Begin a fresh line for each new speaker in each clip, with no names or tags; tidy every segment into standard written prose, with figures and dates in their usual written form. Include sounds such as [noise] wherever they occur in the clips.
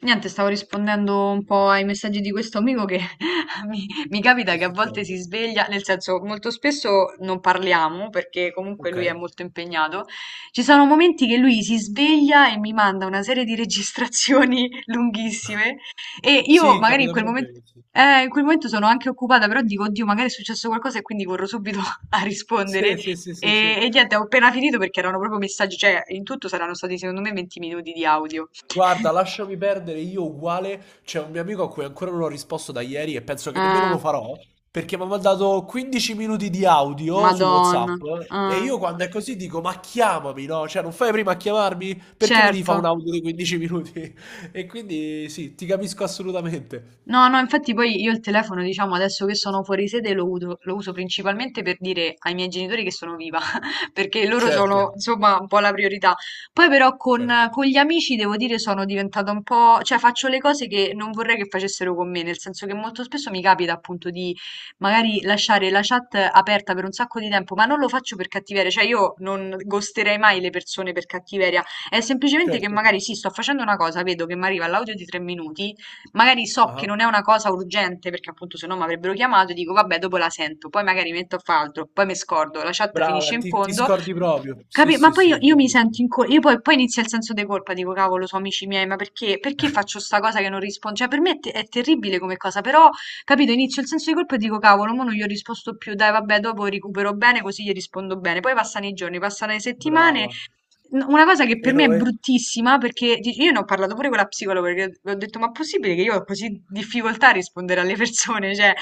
Niente, stavo rispondendo un po' ai messaggi di questo amico che [laughs] mi capita
Che
che a volte
succede?
si sveglia, nel senso molto spesso non parliamo perché comunque lui è
Okay.
molto impegnato. Ci sono momenti che lui si sveglia e mi manda una serie di registrazioni [laughs] lunghissime e io
Sì,
magari
capita proprio benissimo.
in quel momento sono anche occupata, però dico, oddio, magari è successo qualcosa e quindi corro subito [laughs] a rispondere.
Sì, sì, sì, sì, sì,
E,
sì.
e niente, ho appena finito perché erano proprio messaggi, cioè in tutto saranno stati secondo me 20 minuti di audio. [laughs]
Guarda, lasciami perdere, io uguale, c'è un mio amico a cui ancora non ho risposto da ieri e penso che nemmeno
Eh,
lo farò, perché mi ha mandato 15 minuti di audio su
Madonna,
WhatsApp e
eh,
io quando è così dico, ma chiamami, no? Cioè, non fai prima a chiamarmi? Perché mi devi fare un
certo.
audio di 15 minuti? [laughs] E quindi sì, ti capisco assolutamente.
No, no, infatti poi io il telefono, diciamo, adesso che sono fuori sede lo uso principalmente per dire ai miei genitori che sono viva, [laughs] perché loro
Certo,
sono, insomma, un po' la priorità. Poi però con,
certo,
con gli amici, devo dire, sono diventata un po', cioè faccio le cose che non vorrei che facessero con me, nel senso che molto spesso mi capita appunto di magari lasciare la chat aperta per un sacco di tempo, ma non lo faccio per cattiveria, cioè io non ghosterei mai le persone per cattiveria, è semplicemente che
certo.
magari sì, sto facendo una cosa, vedo che mi arriva l'audio di 3 minuti. Magari so che non
Ah,
è una cosa urgente, perché appunto se no mi avrebbero chiamato e dico vabbè, dopo la sento, poi magari metto a fare altro, poi mi scordo, la chat
brava,
finisce in
ti
fondo.
scordi proprio. Sì,
Capi Ma
sì,
poi io,
sì,
io mi
capisco.
sento in colpa, io poi inizia il senso di colpa, dico cavolo, sono amici miei, ma perché faccio sta cosa che non rispondo? Cioè per me è terribile come cosa, però, capito, inizio il senso di colpa e dico cavolo, mo non gli ho risposto più, dai vabbè, dopo recupero bene, così gli rispondo bene. Poi passano i giorni, passano le settimane.
Brava.
Una cosa che
E
per me
no,
è bruttissima, perché io ne ho parlato pure con la psicologa, perché le ho detto ma è possibile che io ho così difficoltà a rispondere alle persone, [laughs] cioè,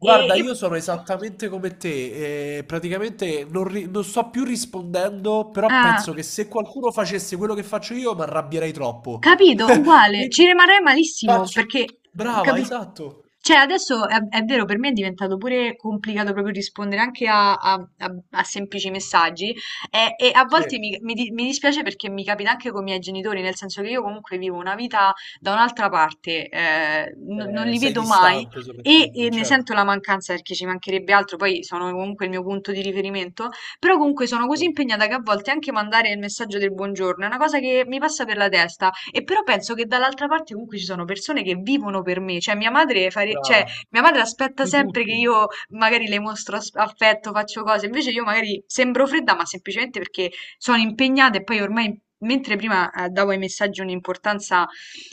e... e-
io sono esattamente come te, praticamente non, non sto più rispondendo, però
ah.
penso che se qualcuno facesse quello che faccio io mi arrabbierei troppo.
Capito?
[laughs]
Uguale, ci
Quindi
rimarrei malissimo
faccio...
perché,
Brava,
capi-
esatto.
cioè, adesso è vero, per me è diventato pure complicato proprio rispondere anche a semplici messaggi e a
Sì.
volte mi dispiace perché mi capita anche con i miei genitori, nel senso che io comunque vivo una vita da un'altra parte, non li
Sei
vedo mai
distante
e,
soprattutto,
e ne
certo.
sento la mancanza perché ci mancherebbe altro, poi sono comunque il mio punto di riferimento, però comunque sono così
Certo.
impegnata che a volte anche mandare il messaggio del buongiorno è una cosa che mi passa per la testa. E però penso che dall'altra parte comunque ci sono persone che vivono per me, cioè mia madre, cioè,
Brava.
mia madre aspetta
Di
sempre che
tutto.
io magari le mostro affetto, faccio cose, invece io magari sembro fredda, ma semplicemente perché sono impegnata e poi ormai, mentre prima davo ai messaggi un'importanza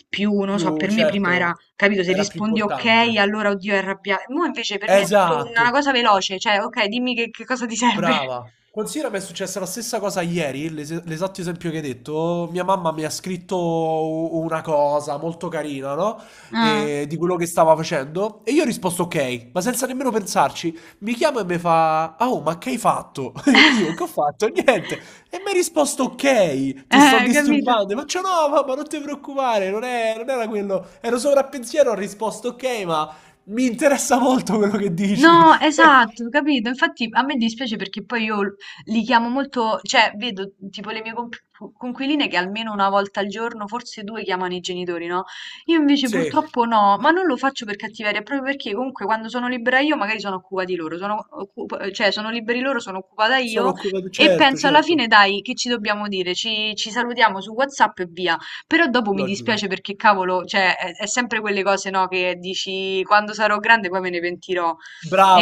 più, non so,
Più,
per me prima era,
certo,
capito, se
era più
rispondi ok,
importante.
allora oddio è arrabbiata, mo invece per me è tutto una
Esatto.
cosa veloce, cioè ok, dimmi che cosa ti serve. [laughs]
Brava. Considera che è successa la stessa cosa ieri, l'esatto esempio che hai detto. Mia mamma mi ha scritto una cosa molto carina, no?
Ah.
E di quello che stava facendo. E io ho risposto ok, ma senza nemmeno pensarci. Mi chiama e mi fa: "Ah, oh, ma che hai fatto? [laughs] E io che ho fatto?
[laughs]
Niente. E mi ha risposto ok, ti sto
Capito?
disturbando. E faccio no, mamma, non ti preoccupare, non, non era quello. Ero sopra a pensiero, ho risposto ok, ma mi interessa molto quello che dici.
No,
[laughs]
esatto, capito? Infatti a me dispiace perché poi io li chiamo molto, cioè vedo tipo le mie conquiline che almeno una volta al giorno, forse due, chiamano i genitori, no? Io invece
Sì.
purtroppo no, ma non lo faccio per cattiveria, proprio perché comunque quando sono libera io magari sono occupati loro, sono cioè sono liberi loro, sono occupata io
Sono occupato,
e
certo,
penso alla fine
certo,
dai, che ci dobbiamo dire? Ci salutiamo su WhatsApp e via. Però dopo mi
logico.
dispiace perché cavolo, cioè è sempre quelle cose, no, che dici quando sarò grande poi me ne pentirò.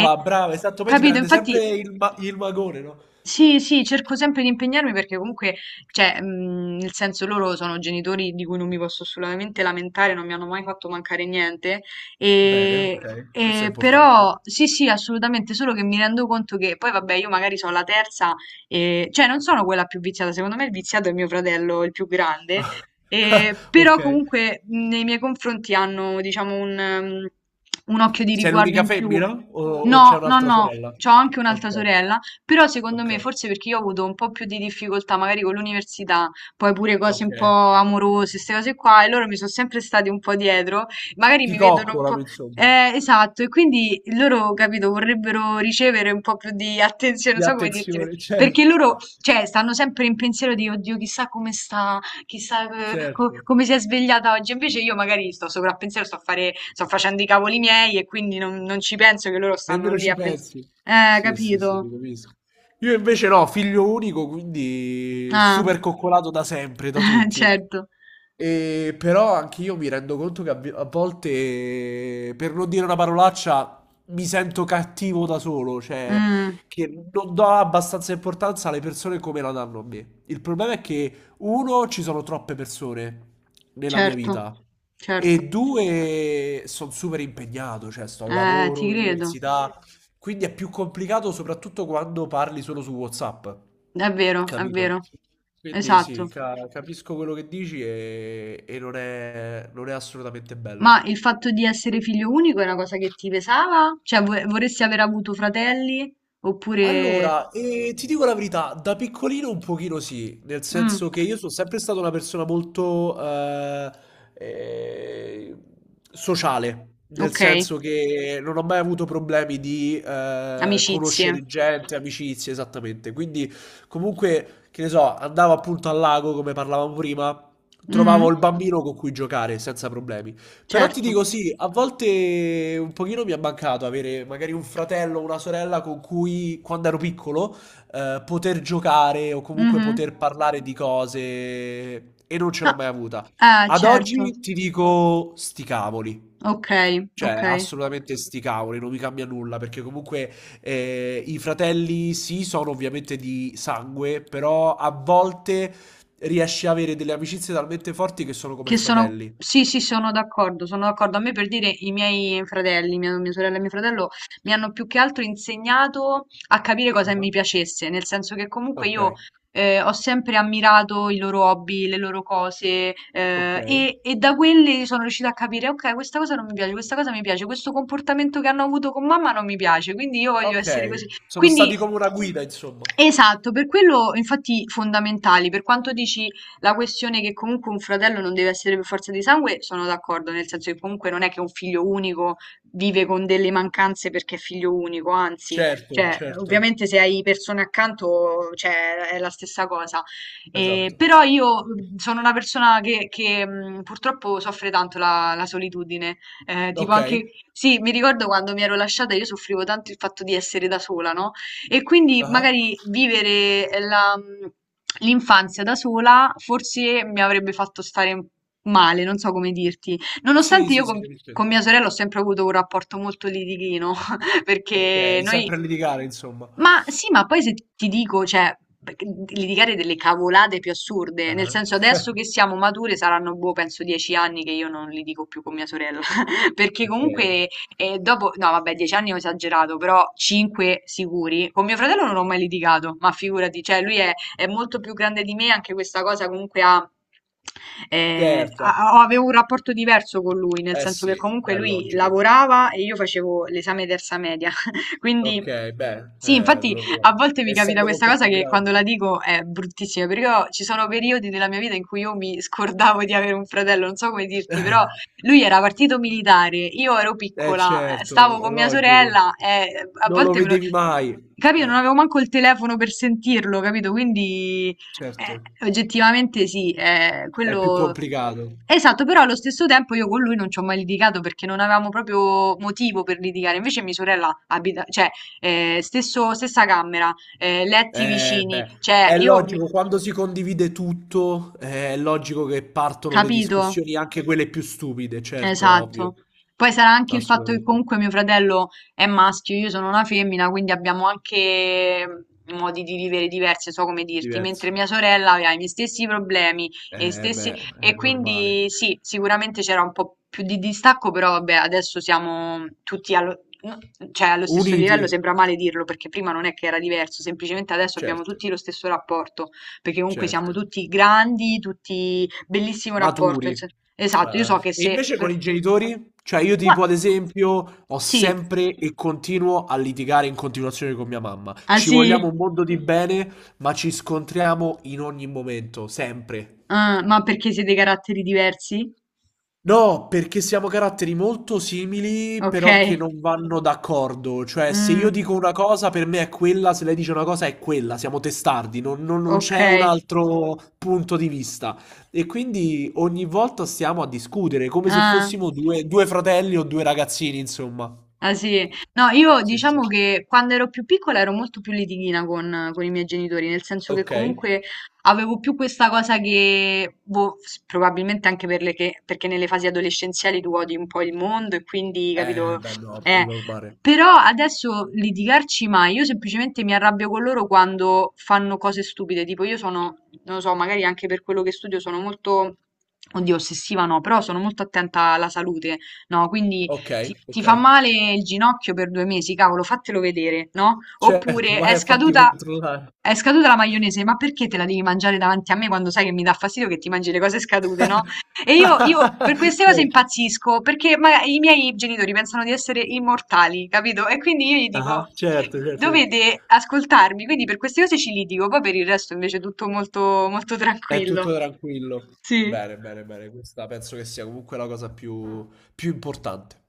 E
brava, esatto, poi ti
capito?
prende
Infatti
sempre il, il magone, no?
sì, sì, cerco sempre di impegnarmi perché comunque, cioè, nel senso loro sono genitori di cui non mi posso assolutamente lamentare, non mi hanno mai fatto mancare niente.
Bene,
Ehm,
ok, questo è importante.
però sì, sì, assolutamente, solo che mi rendo conto che poi vabbè io magari so' la terza, cioè non sono quella più viziata, secondo me il viziato è mio fratello, il più grande,
[laughs]
però
Ok.
comunque nei miei confronti hanno diciamo un occhio di
Sei
riguardo
l'unica
in più.
femmina o c'è
No, no,
un'altra
no,
sorella?
c'ho anche un'altra
Ok,
sorella però secondo
ok,
me, forse perché io ho avuto un po' più di difficoltà magari con l'università, poi pure cose
ok.
un po' amorose, queste cose qua, e loro mi sono sempre stati un po' dietro, magari
Ti
mi vedono un po'...
coccolano, insomma.
Esatto, e quindi loro, capito, vorrebbero ricevere un po' più di attenzione, non
Di
so come dirti,
attenzione, [laughs]
perché
certo.
loro, cioè, stanno sempre in pensiero di, oddio, chissà come sta, chissà
Certo.
come si è svegliata oggi, invece io magari sto sopra a pensiero, sto a fare, sto facendo i cavoli miei e quindi non, non ci penso che loro stanno
Nemmeno
lì
ci
a pensare.
pensi. Sì, sì, sì, ti
Capito.
capisco. Io invece no, figlio unico, quindi
Ah,
super coccolato da sempre, da
[laughs]
tutti.
certo.
E però anche io mi rendo conto che a a volte, per non dire una parolaccia, mi sento cattivo da solo, cioè
Mm,
che non do abbastanza importanza alle persone come la danno a me. Il problema è che, uno, ci sono troppe persone nella mia
certo,
vita
certo.
e due, sono super impegnato, cioè sto al lavoro,
Ti credo.
all'università, quindi è più complicato soprattutto quando parli solo su WhatsApp,
È vero, è
capito?
vero.
Quindi sì,
Esatto.
capisco quello che dici e non è, non è assolutamente
Ma
bello.
il fatto di essere figlio unico è una cosa che ti pesava? Cioè, vorresti aver avuto fratelli? Oppure...
Allora, ti dico la verità, da piccolino un pochino sì, nel
Mm,
senso che io sono sempre stata una persona molto eh, sociale, nel
ok,
senso che non ho mai avuto problemi di
amicizie.
conoscere gente, amicizie, esattamente. Quindi comunque, che ne so, andavo appunto al lago, come parlavamo prima, trovavo
Mhm,
il bambino con cui giocare senza problemi. Però ti
certo.
dico sì, a volte un pochino mi è mancato avere magari un fratello o una sorella con cui quando ero piccolo poter giocare o comunque
Mhm.
poter parlare di cose e non ce
No,
l'ho mai avuta. Ad
certo.
oggi ti dico sti cavoli.
Ok,
Cioè,
ok.
assolutamente sti cavoli, non mi cambia nulla, perché comunque i fratelli sì, sono ovviamente di sangue, però a volte riesci a avere delle amicizie talmente forti che sono come
Che sono
fratelli.
sì, sì, sono d'accordo, sono d'accordo. A me per dire i miei fratelli, mia sorella e mio fratello, mi hanno più che altro insegnato a capire cosa mi
Ah,
piacesse, nel senso che comunque
ok.
io ho sempre ammirato i loro hobby, le loro cose,
Ok.
e da quelle sono riuscita a capire, ok, questa cosa non mi piace, questa cosa mi piace, questo comportamento che hanno avuto con mamma non mi piace, quindi io voglio essere
Ok,
così.
sono
Quindi,
stati come una guida, insomma.
esatto, per quello infatti fondamentali, per quanto dici la questione che comunque un fratello non deve essere per forza di sangue, sono d'accordo, nel senso che comunque non è che un figlio unico vive con delle mancanze perché è figlio unico, anzi,
Certo,
cioè,
certo,
ovviamente se hai persone accanto, cioè, è la stessa cosa.
esatto.
Però io sono una persona che, purtroppo soffre tanto la solitudine. Tipo
Ok.
anche, sì, mi ricordo quando mi ero lasciata, io soffrivo tanto il fatto di essere da sola, no? E quindi
Ah-ah.
magari vivere l'infanzia da sola forse mi avrebbe fatto stare male, non so come dirti.
Sì,
Nonostante io
sì, sì, capisco che
con mia
intendi.
sorella ho sempre avuto un rapporto molto litighino, [laughs] perché
Ok,
noi...
sempre a litigare, insomma.
Ma sì, ma poi se ti dico, cioè, perché litigare delle cavolate più assurde, nel
Ah-ah.
senso adesso
[laughs]
che siamo mature saranno, boh, penso 10 anni che io non litigo più con mia sorella, [laughs] perché
Ok,
comunque e dopo, no, vabbè, 10 anni ho esagerato, però cinque sicuri. Con mio fratello non ho mai litigato, ma figurati, cioè lui è molto più grande di me, anche questa cosa comunque ha...
certo.
avevo un rapporto diverso con lui, nel
Eh
senso che
sì,
comunque
beh, è
lui
logico.
lavorava e io facevo l'esame terza media, [laughs]
Ok,
quindi
beh,
sì, infatti a
l'orologio.
volte mi capita
Essendo
questa
molto
cosa
più
che quando
grande.
la dico è bruttissima, perché io- ci sono periodi della mia vita in cui io mi scordavo di avere un fratello, non so come dirti, però lui era
[laughs]
partito militare, io ero
Eh
piccola,
certo,
stavo
è
con mia
logico.
sorella e a
Non lo
volte me lo...
vedevi mai.
Capito? Non
Eh,
avevo manco il telefono per sentirlo, capito? Quindi
certo,
oggettivamente sì,
è più
quello...
complicato.
Esatto, però allo stesso tempo io con lui non ci ho mai litigato perché non avevamo proprio motivo per litigare. Invece mia sorella abita, cioè, stessa camera, letti vicini,
Beh,
cioè,
è
io...
logico, quando si condivide tutto, è logico che partono le
Capito?
discussioni, anche quelle più stupide, certo, ovvio.
Esatto. Poi sarà anche il fatto che
Assolutamente,
comunque mio fratello è maschio, io sono una femmina, quindi abbiamo anche modi di vivere diversi, so come dirti, mentre
diverso.
mia sorella aveva i miei stessi problemi e, i stessi...
Beh,
e
è normale.
quindi sì, sicuramente c'era un po' più di distacco, però vabbè, adesso siamo tutti no, cioè, allo stesso
Uniti,
livello, sembra male dirlo, perché prima non è che era diverso, semplicemente adesso abbiamo
certo,
tutti lo stesso rapporto, perché comunque siamo
certo.
tutti grandi, tutti bellissimo rapporto. Nel
Maturi.
senso. Esatto, io so che
E
se...
invece con
per-
i genitori, cioè io
Gua-
tipo ad esempio ho
sì,
sempre e continuo a litigare in continuazione con mia mamma.
ah
Ci
sì.
vogliamo un mondo di bene, ma ci scontriamo in ogni momento, sempre.
Ah, ma perché siete caratteri diversi?
No, perché siamo caratteri molto simili,
Ok,
però che non vanno d'accordo. Cioè, se
mm,
io dico una cosa, per me è quella, se lei dice una cosa è quella, siamo testardi, non, non
ok.
c'è un altro punto di vista. E quindi ogni volta stiamo a discutere, come se
Ah.
fossimo due fratelli o due ragazzini, insomma.
Ah sì, no, io
Sì, sì.
diciamo che quando ero più piccola ero molto più litighina con i miei genitori, nel senso che
Ok.
comunque avevo più questa cosa che, boh, probabilmente anche per le perché nelle fasi adolescenziali tu odi un po' il mondo e quindi, capito,
Beh, no, è
eh,
normale.
però adesso litigarci mai, io semplicemente mi arrabbio con loro quando fanno cose stupide, tipo io sono, non lo so, magari anche per quello che studio sono molto, oddio, ossessiva no, però sono molto attenta alla salute, no, quindi...
Ok,
Ti
ok.
fa male il ginocchio per 2 mesi, cavolo, fatelo vedere, no?
Certo,
Oppure
vai
è
a fatti
scaduta,
controllare.
è scaduta la maionese, ma perché te la devi mangiare davanti a me quando sai che mi dà fastidio che ti mangi le cose scadute, no? E io,
[laughs]
io per queste cose
Certo.
impazzisco, perché i miei genitori pensano di essere immortali, capito? E quindi io gli
Ah-ah,
dico,
certo, certo, certo.
dovete ascoltarmi, quindi per queste cose ci litigo, poi per il resto invece è tutto molto, molto
È tutto
tranquillo.
tranquillo.
Sì.
Bene, bene, bene. Questa penso che sia comunque la cosa più, più importante.